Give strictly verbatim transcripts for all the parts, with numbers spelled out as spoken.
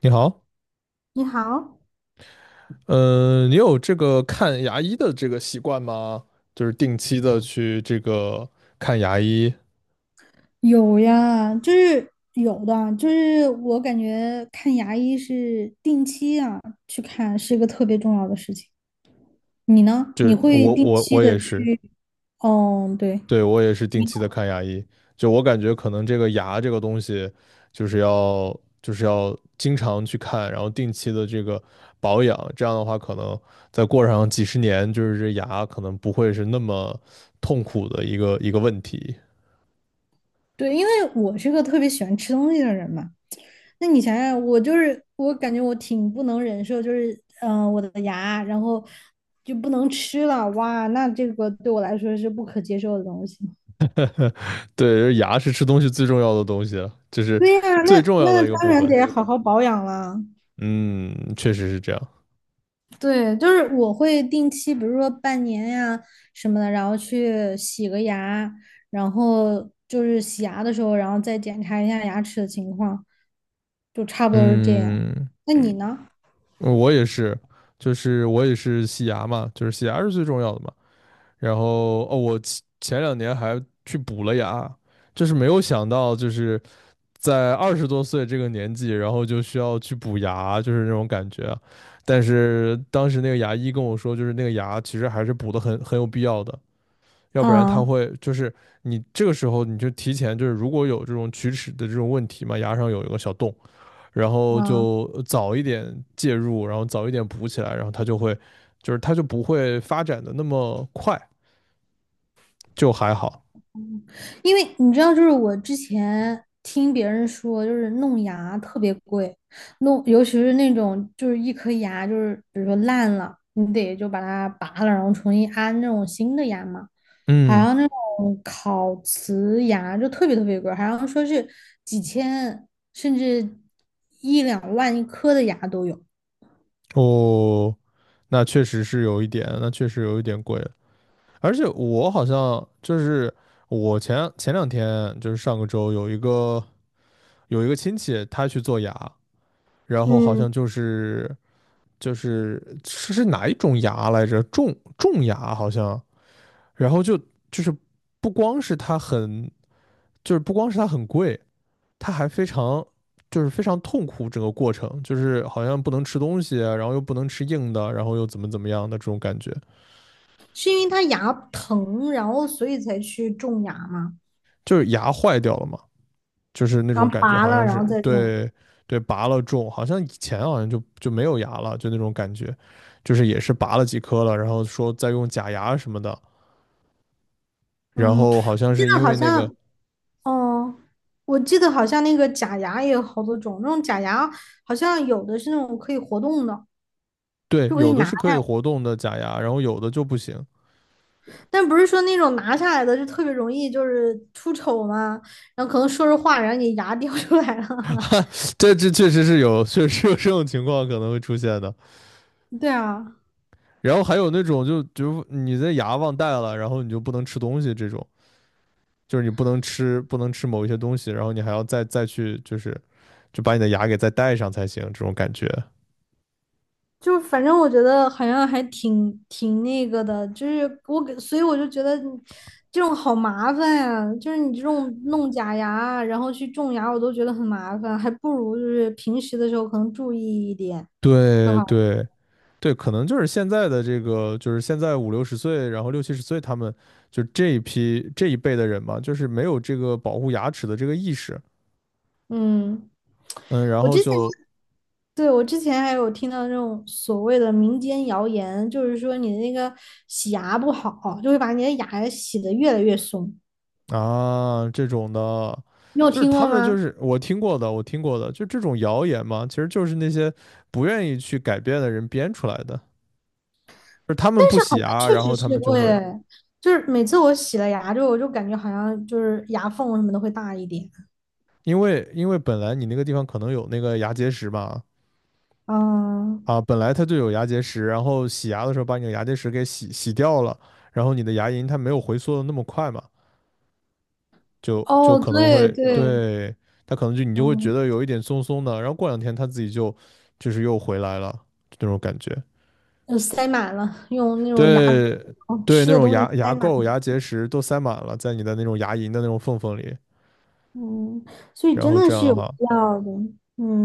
你好。你好，嗯，你有这个看牙医的这个习惯吗？就是定期的去这个看牙医，有呀，就是有的，就是我感觉看牙医是定期啊去看，是一个特别重要的事情。你呢？就你是会我定我期我的也是。去？嗯，对对，我也是定期的看牙医。就我感觉可能这个牙这个东西，就是要就是要经常去看，然后定期的这个保养，这样的话可能再过上几十年，就是这牙可能不会是那么痛苦的一个一个问题。对，因为我是个特别喜欢吃东西的人嘛。那你想想，我就是我感觉我挺不能忍受，就是嗯、呃我的牙，然后就不能吃了，哇，那这个对我来说是不可接受的东西。对，牙是吃东西最重要的东西了，就是对呀，最那重要的那一个当部然分。得好好保养了。嗯，确实是这样。对，就是我会定期，比如说半年呀什么的，然后去洗个牙，然后就是洗牙的时候，然后再检查一下牙齿的情况，就差不多是这样。嗯，那你嗯呢？我也是，就是我也是洗牙嘛，就是洗牙是最重要的嘛。然后哦，我前前两年还去补了牙，就是没有想到，就是在二十多岁这个年纪，然后就需要去补牙，就是那种感觉啊。但是当时那个牙医跟我说，就是那个牙其实还是补的很很有必要的，要不然它啊会就是你这个时候你就提前就是如果有这种龋齿的这种问题嘛，牙上有一个小洞。然后啊，就早一点介入，然后早一点补起来，然后它就会，就是它就不会发展的那么快，就还好。因为你知道，就是我之前听别人说，就是弄牙特别贵，弄尤其是那种就是一颗牙就是比如说烂了，你得就把它拔了，然后重新安那种新的牙嘛。好嗯，像那种烤瓷牙就特别特别贵，好像说是几千甚至一两万一颗的牙都有。哦，那确实是有一点，那确实有一点贵了。而且我好像就是我前前两天就是上个周有一个有一个亲戚他去做牙，然后好嗯，像就是就是是是哪一种牙来着？种种牙好像，然后就就是不光是他很就是不光是它很贵，它还非常就是非常痛苦整个过程，就是好像不能吃东西啊，然后又不能吃硬的，然后又怎么怎么样的这种感觉，是因为他牙疼，然后所以才去种牙嘛，就是牙坏掉了嘛，就是那然种后感觉，拔好了，像然后是。再种。对，对拔了种，好像以前好像就就没有牙了，就那种感觉，就是也是拔了几颗了，然后说再用假牙什么的，然嗯，后好我像记是得因好为那个。像，嗯，我记得好像那个假牙也有好多种，那种假牙好像有的是那种可以活动的，对，就可有以的拿。是可以活动的假牙，然后有的就不行。但不是说那种拿下来的就特别容易就是出丑嘛，然后可能说着话，然后你牙掉出来了。这这确实是有，确实有这种情况可能会出现的。对啊，然后还有那种就就你的牙忘带了，然后你就不能吃东西这种，就是你不能吃不能吃某一些东西，然后你还要再再去就是就把你的牙给再带上才行，这种感觉。就反正我觉得好像还挺挺那个的，就是我给，所以我就觉得这种好麻烦呀、啊就是你这种弄假牙啊，然后去种牙，我都觉得很麻烦，还不如就是平时的时候可能注意一点会对好。对对，可能就是现在的这个，就是现在五六十岁，然后六七十岁，他们就这一批这一辈的人嘛，就是没有这个保护牙齿的这个意识。嗯，嗯，然我后之前就对我之前还有听到那种所谓的民间谣言，就是说你的那个洗牙不好，就会把你的牙洗得越来越松，啊，这种的，你有就是听他过们就吗？是我听过的，我听过的，就这种谣言嘛，其实就是那些不愿意去改变的人编出来的，就是他们但不是好洗像牙，确然实后他是们就会，会。就是每次我洗了牙之后，我就感觉好像就是牙缝什么的会大一点。因为因为本来你那个地方可能有那个牙结石嘛，嗯，啊，本来它就有牙结石，然后洗牙的时候把你的牙结石给洗洗掉了，然后你的牙龈它没有回缩的那么快嘛，就就哦，可能对会。对，对，它可能就你就会觉嗯，得有一点松松的，然后过两天它自己就就是又回来了，就那种感觉。呃塞满了，用那种牙，对哦，对，吃那的种东西牙牙塞满。垢、牙结石都塞满了，在你的那种牙龈的那种缝缝里。嗯，所以然真后的这样是的有必话，要的。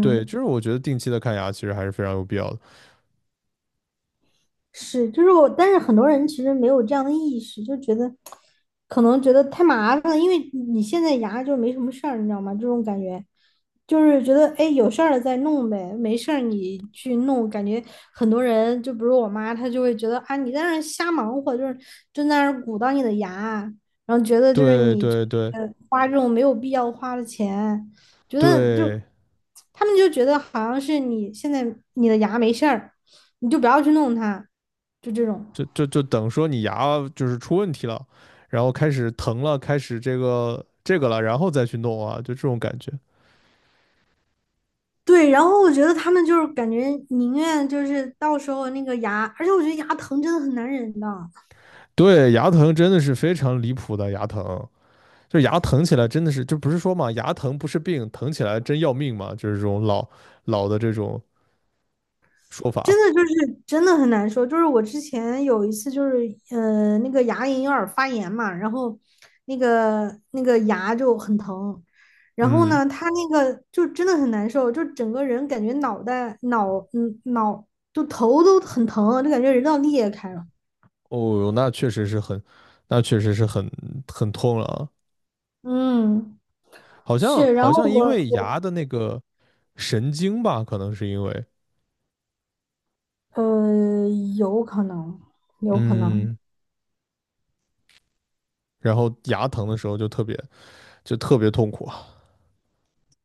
对，就是我觉得定期的看牙其实还是非常有必要的。是，就是我，但是很多人其实没有这样的意识，就觉得可能觉得太麻烦了，因为你现在牙就没什么事儿，你知道吗？这种感觉就是觉得哎，有事儿了再弄呗，没事儿你去弄。感觉很多人，就比如我妈，她就会觉得啊，你在那儿瞎忙活，就是就在那儿鼓捣你的牙，然后觉得就是对你对对呃花这种没有必要花的钱，觉得就对，他们就觉得好像是你现在你的牙没事儿。你就不要去弄它，就这种。就就就等说你牙就是出问题了，然后开始疼了，开始这个这个了，然后再去弄啊，就这种感觉。对，然后我觉得他们就是感觉宁愿就是到时候那个牙，而且我觉得牙疼真的很难忍的，对，牙疼真的是非常离谱的，牙疼。就牙疼起来真的是，就不是说嘛，牙疼不是病，疼起来真要命嘛，就是这种老老的这种说法。真的就是真的很难受。就是我之前有一次就是呃那个牙龈有点发炎嘛，然后那个那个牙就很疼，然后嗯，呢他那个就真的很难受，就整个人感觉脑袋脑嗯脑就头都很疼，就感觉人都要裂开了。哦哟，那确实是很，那确实是很很痛了啊。嗯，好像是，然好后像因我为我牙的那个神经吧，可能是因为。呃，有可能，有可能，嗯，然后牙疼的时候就特别就特别痛苦啊。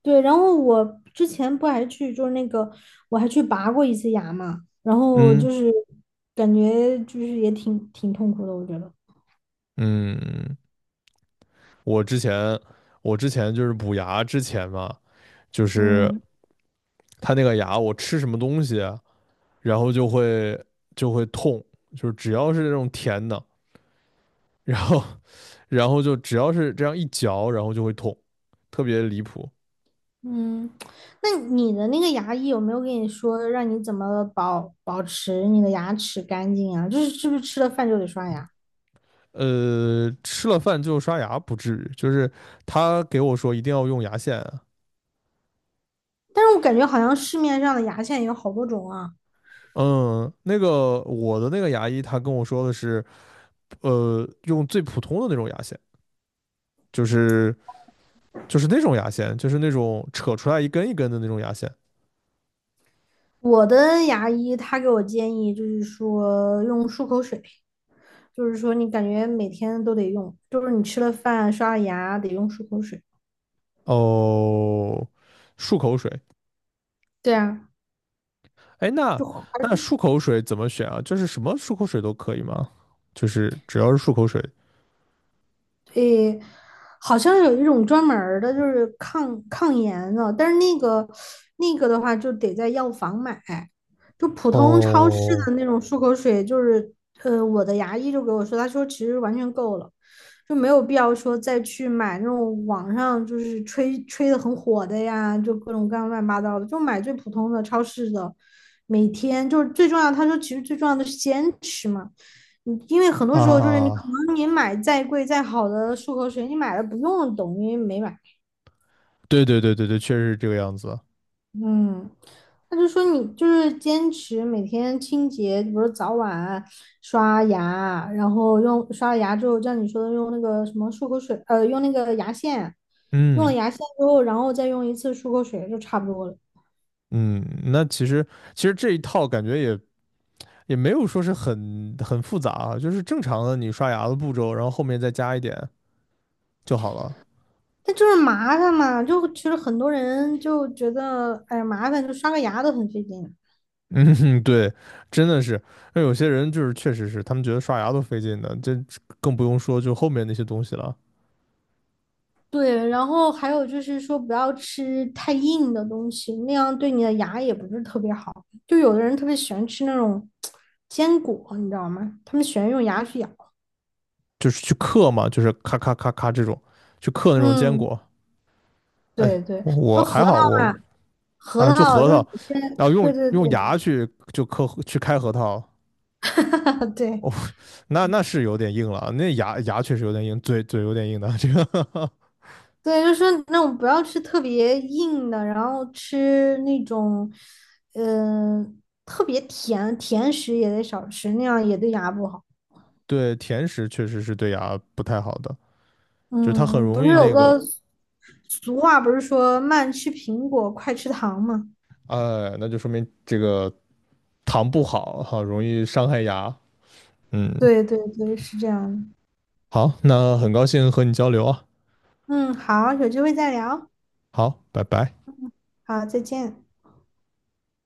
对。然后我之前不还去，就是那个我还去拔过一次牙嘛，然后嗯就是感觉就是也挺挺痛苦的，我觉得。嗯，我之前我之前就是补牙之前嘛，就是嗯它那个牙我吃什么东西啊，然后就会就会痛，就是只要是这种甜的，然后 然后就只要是这样一嚼，然后就会痛，特别离谱。嗯，那你的那个牙医有没有跟你说让你怎么保保持你的牙齿干净啊？就是是不是吃了饭就得刷牙？呃，吃了饭就刷牙不至于，就是他给我说一定要用牙线啊。但是我感觉好像市面上的牙线有好多种啊。嗯，那个我的那个牙医他跟我说的是，呃，用最普通的那种牙线，就是就是那种牙线，就是那种扯出来一根一根的那种牙线。我的牙医他给我建议就是说用漱口水。就是说你感觉每天都得用，就是你吃了饭、刷了牙得用漱口水。哦，漱口水，对啊，哎，那就好。那漱口水怎么选啊？就是什么漱口水都可以吗？就是只要是漱口水。诶，好像有一种专门儿的，就是抗抗炎的，但是那个那个的话就得在药房买，就普通超市哦，的那种漱口水，就是呃，我的牙医就给我说，他说其实完全够了，就没有必要说再去买那种网上就是吹吹的很火的呀，就各种各样乱七八糟的，就买最普通的超市的，每天就是最重要，他说其实最重要的是坚持嘛。嗯，因为很多时候就是你可啊，能你买再贵再好的漱口水，你买了不用的等于没买，对对对对对，确实是这个样子。嗯，他就说你就是坚持每天清洁，比如早晚刷牙，然后用刷了牙之后，像你说的用那个什么漱口水，呃，用那个牙线，用了嗯牙线之后，然后再用一次漱口水就差不多了。嗯，那其实其实这一套感觉也也没有说是很很复杂啊，就是正常的你刷牙的步骤，然后后面再加一点就好了。但就是麻烦嘛，就其实很多人就觉得，哎呀，麻烦，就刷个牙都很费劲。嗯，对，真的是，那有些人就是确实是他们觉得刷牙都费劲的，这更不用说就后面那些东西了，对，然后还有就是说，不要吃太硬的东西，那样对你的牙也不是特别好。就有的人特别喜欢吃那种坚果，你知道吗？他们喜欢用牙去咬。就是去嗑嘛，就是咔咔咔咔这种，去嗑那种坚嗯，果。哎，对对，我说我核还桃好，我啊，啊，核就桃核就是桃，有些，然后对用对对，用牙去就磕去开核桃，对哦，那那是有点硬了，那牙牙确实有点硬，嘴嘴有点硬的，这个 对，就是说那种不要吃特别硬的，然后吃那种，嗯、特别甜甜食也得少吃，那样也对牙不好。对甜食确实是对牙不太好的，就是它很嗯，不容是易有那个，个俗话，不是说慢吃苹果，快吃糖吗？哎，那就说明这个糖不好好容易伤害牙。嗯，对对对，是这样的。好，那很高兴和你交流啊，嗯，好，有机会再聊。好，拜拜。好，再见。